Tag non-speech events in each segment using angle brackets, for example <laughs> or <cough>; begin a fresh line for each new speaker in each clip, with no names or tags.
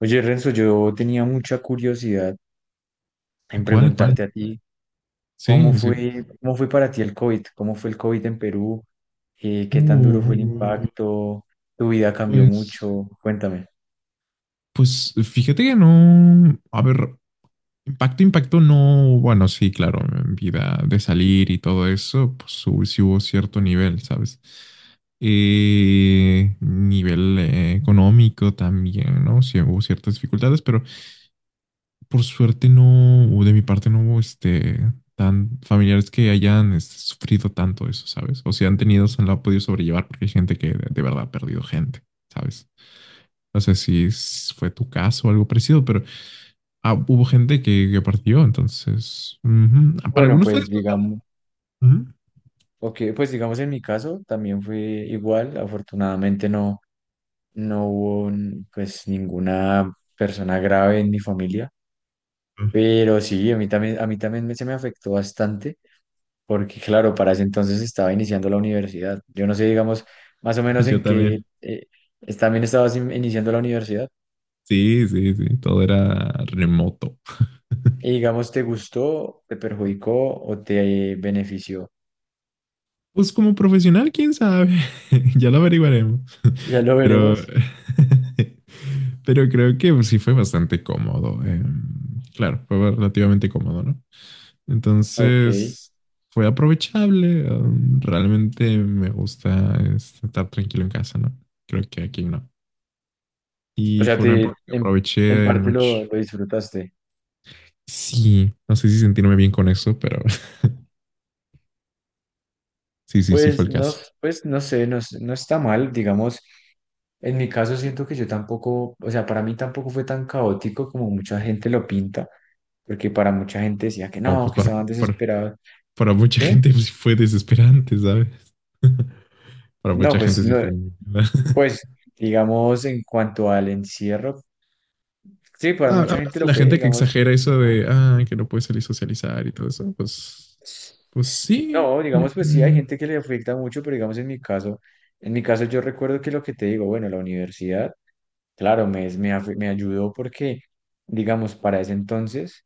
Oye, Renzo, yo tenía mucha curiosidad en
¿Cuál, cuál?
preguntarte a ti
Sí, sí.
cómo fue para ti el COVID, cómo fue el COVID en Perú. ¿Qué tan duro fue el
Uh,
impacto? ¿Tu vida cambió
pues,
mucho? Cuéntame.
pues fíjate que no. A ver, impacto, impacto no. Bueno, sí, claro, en vida de salir y todo eso, sí hubo cierto nivel, ¿sabes? Nivel económico también, ¿no? Sí hubo ciertas dificultades, pero por suerte no, o de mi parte no hubo tan familiares que hayan sufrido tanto eso, ¿sabes? O si han tenido, se lo ha podido sobrellevar porque hay gente que de verdad ha perdido gente, ¿sabes? No sé si es- fue tu caso o algo parecido, pero ah, hubo gente que partió, entonces, ujú. Ah, para
Bueno,
algunos fue
pues
disfrutable.
digamos,
Ujú.
ok, pues digamos en mi caso también fue igual, afortunadamente no, no hubo pues ninguna persona grave en mi familia, pero sí, a mí también, se me afectó bastante. Porque claro, para ese entonces estaba iniciando la universidad. Yo no sé, digamos, más o
<laughs>
menos
Yo
en qué
también.
también iniciando la universidad
Sí, sí, sí, todo era remoto.
y digamos, ¿te gustó, te perjudicó o te benefició?
Pues como profesional, quién sabe, <laughs> ya lo averiguaremos.
Ya lo
<laughs> Pero,
veremos.
<laughs> pero creo que pues, sí fue bastante cómodo. Claro, fue relativamente cómodo, ¿no?
Ok.
Entonces, fue aprovechable. Realmente me gusta estar tranquilo en casa, ¿no? Creo que aquí no.
O
Y
sea,
fue una época que
en
aproveché
parte
mucho.
lo disfrutaste.
Sí, no sé si sentirme bien con eso, pero <laughs> sí, sí, sí fue
Pues
el
no,
caso.
pues no sé, no, no está mal, digamos. En mi caso siento que yo tampoco, o sea, para mí tampoco fue tan caótico como mucha gente lo pinta, porque para mucha gente decía que
No,
no,
pues
que estaban
para-
desesperados.
para mucha
Dime.
gente pues, sí fue desesperante, ¿sabes? <laughs> Para
No,
mucha gente
pues
sí
no,
fue muy... <laughs>
pues digamos en cuanto al encierro, sí, para
Ah,
mucha
hablas
gente
de
lo
la
fue,
gente que
digamos,
exagera eso de, ah, que no puede salir a socializar y todo eso. Pues, pues sí,
no,
yo
digamos pues sí, hay
creo.
gente que le afecta mucho, pero digamos en mi caso yo recuerdo que lo que te digo, bueno, la universidad, claro, me ayudó porque, digamos, para ese entonces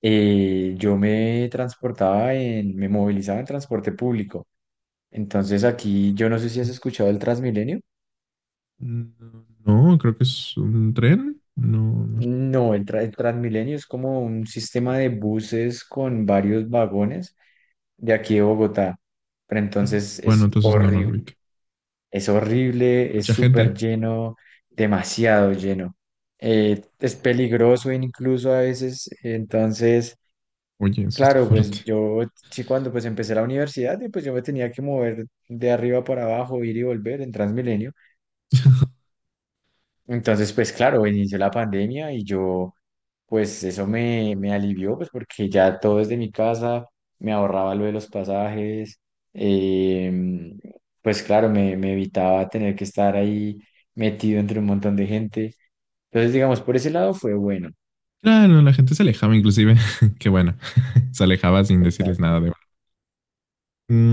yo me movilizaba en transporte público. Entonces aquí, yo no sé si has escuchado el Transmilenio.
No, no, creo que es un tren. No, no
No, el Transmilenio es como un sistema de buses con varios vagones de aquí de Bogotá. Pero
sé.
entonces
Bueno,
es
entonces no, no lo vi.
horrible, es horrible, es
Mucha
súper
gente.
lleno, demasiado lleno. Es peligroso incluso a veces. Entonces,
Oye, eso está
claro, pues
fuerte.
yo sí, cuando pues empecé la universidad, y pues yo me tenía que mover de arriba para abajo, ir y volver en Transmilenio. Entonces, pues claro, inició la pandemia y yo pues eso me alivió, pues porque ya todo desde mi casa, me ahorraba lo de los pasajes, em, pues claro, me evitaba tener que estar ahí metido entre un montón de gente. Entonces, digamos, por ese lado fue bueno.
Claro, la gente se alejaba inclusive. <laughs> Qué bueno. <laughs> Se alejaba sin decirles nada
Exacto.
de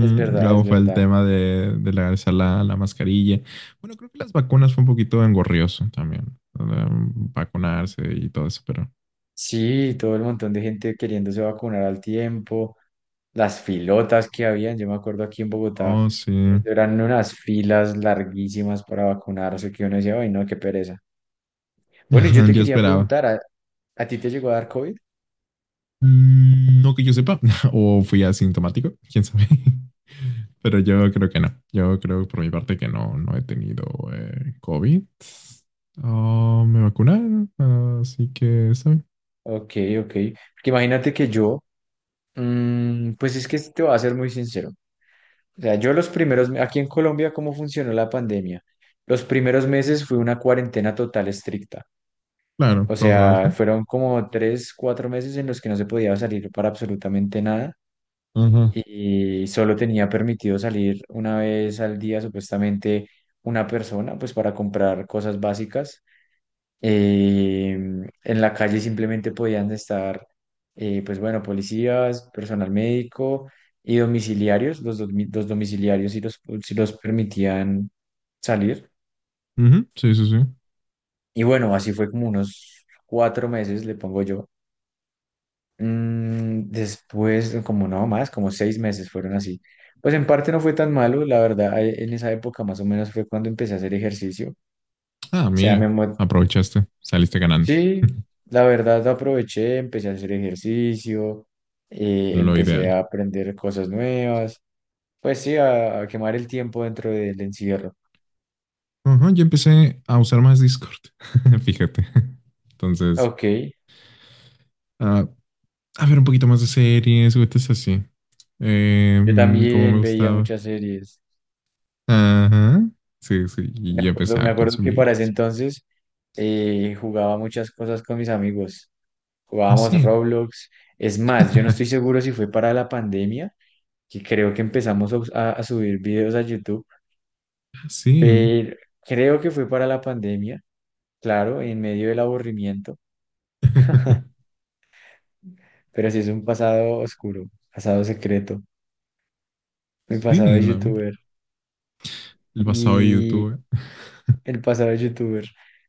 Es verdad, es
luego fue el
verdad.
tema de regresar la mascarilla. Bueno, creo que las vacunas fue un poquito engorrioso también. Vacunarse y todo eso, pero.
Sí, todo el montón de gente queriéndose vacunar al tiempo, las filotas que habían, yo me acuerdo aquí en Bogotá,
Oh, sí.
eso eran unas filas larguísimas para vacunarse que uno decía, ay, no, qué pereza. Bueno, y yo
<laughs>
te
Yo
quería
esperaba.
preguntar, ¿a ti te llegó a dar COVID?
Mm, no que yo sepa. <laughs> O fui asintomático, quién sabe. <laughs> Pero yo creo que no. Yo creo por mi parte que no, no he tenido COVID. Oh, me vacunaron. Así que, ¿sabe?
Ok, ok. Porque imagínate que yo, pues es que te voy a ser muy sincero. O sea, yo los primeros, aquí en Colombia, ¿cómo funcionó la pandemia? Los primeros meses fue una cuarentena total estricta.
Claro,
O
todos lados,
sea,
¿no?
fueron como tres, cuatro meses en los que no se podía salir para absolutamente nada
Ajá.
y solo tenía permitido salir una vez al día, supuestamente, una persona, pues para comprar cosas básicas. Eh, en la calle simplemente podían estar, pues bueno, policías, personal médico y domiciliarios. Los domiciliarios sí los permitían salir.
Ujú, sí, sí, sí.
Y bueno, así fue como unos cuatro meses, le pongo yo. Después, como no más, como seis meses fueron así. Pues en parte no fue tan malo, la verdad, en esa época más o menos fue cuando empecé a hacer ejercicio.
Ah,
Sea,
mira,
me, mo-
aprovechaste, saliste ganando.
Sí,
<laughs>
la verdad aproveché, empecé a hacer ejercicio,
Lo
empecé
ideal.
a aprender cosas nuevas, pues sí, a quemar el tiempo dentro del encierro.
Ajá, yo empecé a usar más Discord, <laughs> fíjate. Entonces,
Ok,
ah, a ver un poquito más de series, es así.
yo
Como me
también veía
gustaba.
muchas series.
Ajá. Sí, sí, y yo empecé
Me
a
acuerdo que para
consumir.
ese entonces jugaba muchas cosas con mis amigos.
Ah,
Jugábamos
sí.
Roblox. Es más, yo no estoy
<laughs>
seguro si fue para la pandemia, que creo que empezamos a, a subir videos a YouTube,
Sí.
pero creo que fue para la pandemia, claro, en medio del aburrimiento,
<laughs>
pero sí, es un pasado oscuro, pasado secreto, mi pasado
Sí,
de
no.
youtuber
El pasado de
y
YouTube.
el pasado de youtuber.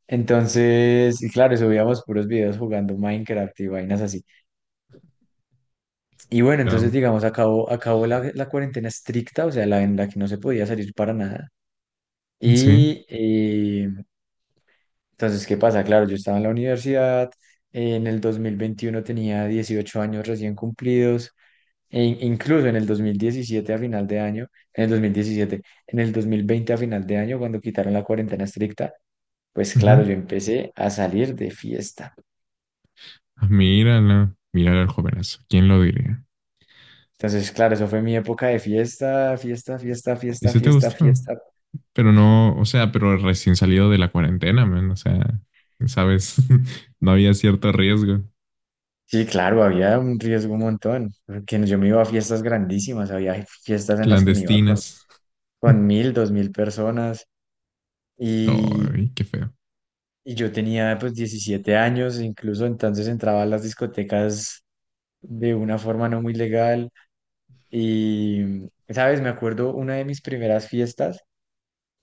Entonces, y claro, subíamos puros videos jugando Minecraft y vainas así. Y bueno, entonces,
Ah,
digamos, acabó, acabó la cuarentena estricta, o sea, la en la que no se podía salir para nada.
sí.
Y entonces, ¿qué pasa? Claro, yo estaba en la universidad, en el 2021 tenía 18 años recién cumplidos. Incluso en el 2017 a final de año, en el 2017, en el 2020 a final de año, cuando quitaron la cuarentena estricta, pues claro, yo
Ujú.
empecé a salir de fiesta.
Ah, mírala, mírala al jovenazo. ¿Quién lo diría?
Entonces, claro, eso fue mi época de fiesta, fiesta, fiesta,
¿Y
fiesta,
si te
fiesta,
gustó?
fiesta.
Pero no, o sea, pero recién salido de la cuarentena, man. O sea, sabes, <laughs> no había cierto riesgo.
Sí, claro, había un riesgo un montón, porque yo me iba a fiestas grandísimas, había fiestas en las que me iba
Clandestinas.
con mil, dos mil personas
<laughs>
y,
Ay, qué feo.
y yo tenía pues 17 años, incluso entonces entraba a las discotecas de una forma no muy legal. Y, ¿sabes? Me acuerdo una de mis primeras fiestas,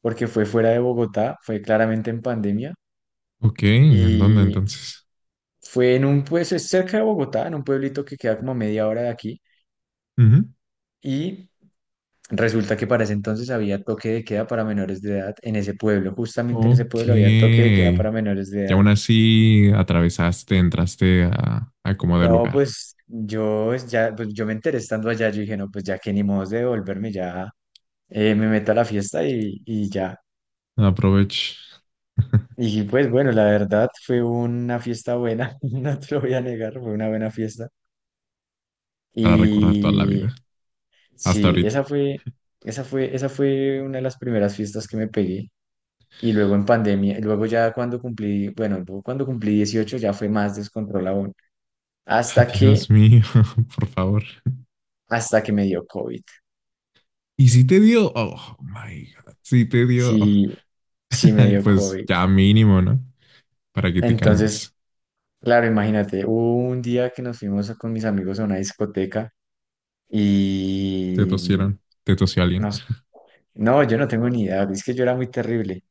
porque fue fuera de Bogotá, fue claramente en pandemia,
Ok, ¿en dónde
y
entonces?
fue en un, pues, es cerca de Bogotá, en un pueblito que queda como a media hora de aquí,
Ujú.
y resulta que para ese entonces había toque de queda para menores de edad en ese pueblo, justamente en ese
Ok.
pueblo había toque de queda para
Y
menores de edad.
aún así atravesaste, entraste a como del
No,
lugar.
pues yo pues, ya, pues yo me enteré estando allá, yo dije, no, pues ya que ni modo de devolverme, ya me meto a la fiesta y ya.
Aprovecha <laughs>
Y pues bueno, la verdad fue una fiesta buena, <laughs> no te lo voy a negar, fue una buena fiesta.
para recordar toda la
Y
vida. Hasta
sí,
ahorita.
esa fue, esa fue, esa fue una de las primeras fiestas que me pegué. Y luego en pandemia, y luego ya cuando cumplí, bueno, luego cuando cumplí 18 ya fue más descontrol aún,
<laughs>
hasta que,
Dios mío, <laughs> por favor.
hasta que me dio COVID.
Y si te dio, oh my God, si te dio,
Sí, sí
<laughs>
me
ay,
dio
pues
COVID.
ya mínimo, ¿no? Para que te
Entonces,
calmes.
claro, imagínate, hubo un día que con mis amigos a una discoteca
Te
y...
tosieron, te tosió alguien.
nos No, yo no tengo ni idea. Es que yo era muy terrible.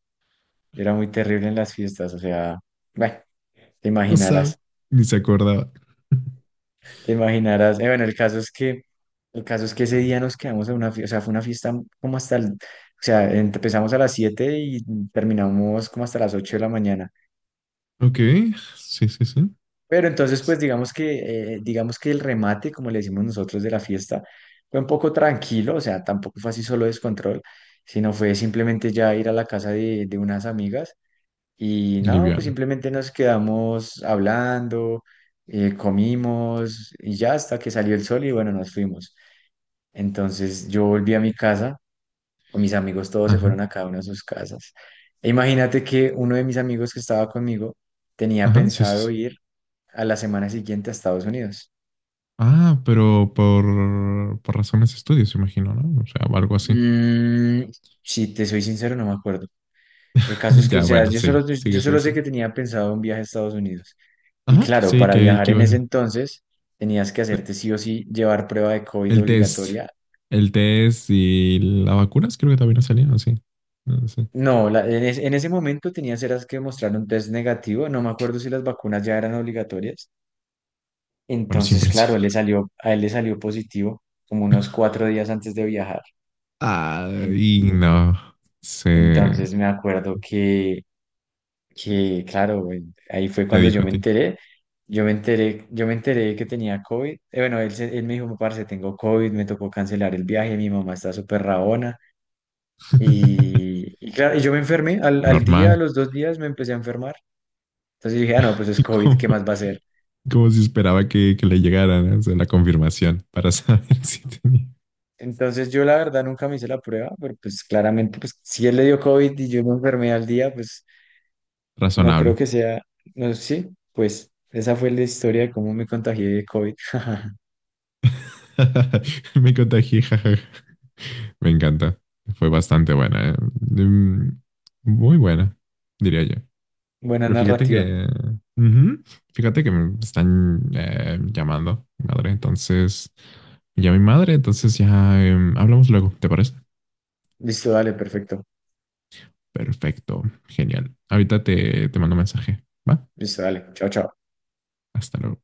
Yo era muy terrible en las fiestas. O sea, bueno, te
No sabe,
imaginarás.
ni se acordaba. <laughs>
Te imaginarás. Bueno, el caso es que, el caso es que ese día nos quedamos en una fiesta. O sea, fue una fiesta como hasta el, o sea, empezamos a las 7 y terminamos como hasta las 8 de la mañana.
Ok, sí, sí, sí.
Pero entonces, pues digamos que el remate, como le decimos nosotros, de la fiesta, fue un poco tranquilo. O sea, tampoco fue así solo descontrol, sino fue simplemente ya ir a la casa de unas amigas. Y no, pues
Liviano.
simplemente nos quedamos hablando, comimos y ya hasta que salió el sol y bueno, nos fuimos. Entonces yo volví a mi casa, mis amigos todos se
Ajá,
fueron a cada una de sus casas. E imagínate que uno de mis amigos que estaba conmigo tenía
ajá, sí, sí, sí.
pensado ir a la semana siguiente a Estados Unidos.
Ah, pero por razones de estudios, imagino, ¿no? O sea, algo así.
Mm, si te soy sincero, no me acuerdo. El caso
<laughs>
es que, o
Ya,
sea,
bueno, sí,
yo
sigue, sigue,
solo sé que
sigue.
tenía pensado un viaje a Estados Unidos. Y
Ajá,
claro,
sí,
para viajar
que
en ese
iba.
entonces tenías que hacerte sí o sí, llevar prueba de COVID
El test.
obligatoria.
El test y las vacunas creo que también no salieron, sí. No sé.
No, en ese momento tenías, eras que mostrar un test negativo. No me acuerdo si las vacunas ya eran obligatorias.
Bueno,
Entonces,
siempre han sido.
claro, le salió, a él le salió positivo como unos cuatro días antes de viajar.
Ah,
En-
y no. Se
entonces me acuerdo que claro, güey, ahí fue
te
cuando yo
dijo a
me
ti.
enteré, yo me enteré que tenía COVID. Bueno, él me dijo, parce, tengo COVID, me tocó cancelar el viaje, mi mamá está súper rabona, y claro, y yo me enfermé,
Lo
al día, a
normal.
los dos días me empecé a enfermar, entonces dije, ah, no, pues es
<laughs>
COVID,
Como,
¿qué más va a ser?
como si esperaba que le llegaran o sea, la confirmación para saber <laughs> si tenía.
Entonces yo la verdad nunca me hice la prueba, pero pues claramente, pues si él le dio COVID y yo me enfermé al día, pues no creo
Razonable.
que sea, no sé, sí, pues esa fue la historia de cómo me contagié de COVID. <laughs>
<laughs> Me contagié, jajaja. Me encanta. Fue bastante buena. ¿Eh? Mm, muy buena, diría yo.
Buena
Pero fíjate
narrativa.
que... ujú, fíjate que me están llamando, mi madre. Entonces, ya mi madre, entonces ya hablamos luego, ¿te parece?
Listo, dale, perfecto.
Perfecto, genial. Ahorita te, te mando un mensaje, ¿va?
Listo, dale. Chao, chao.
Hasta luego.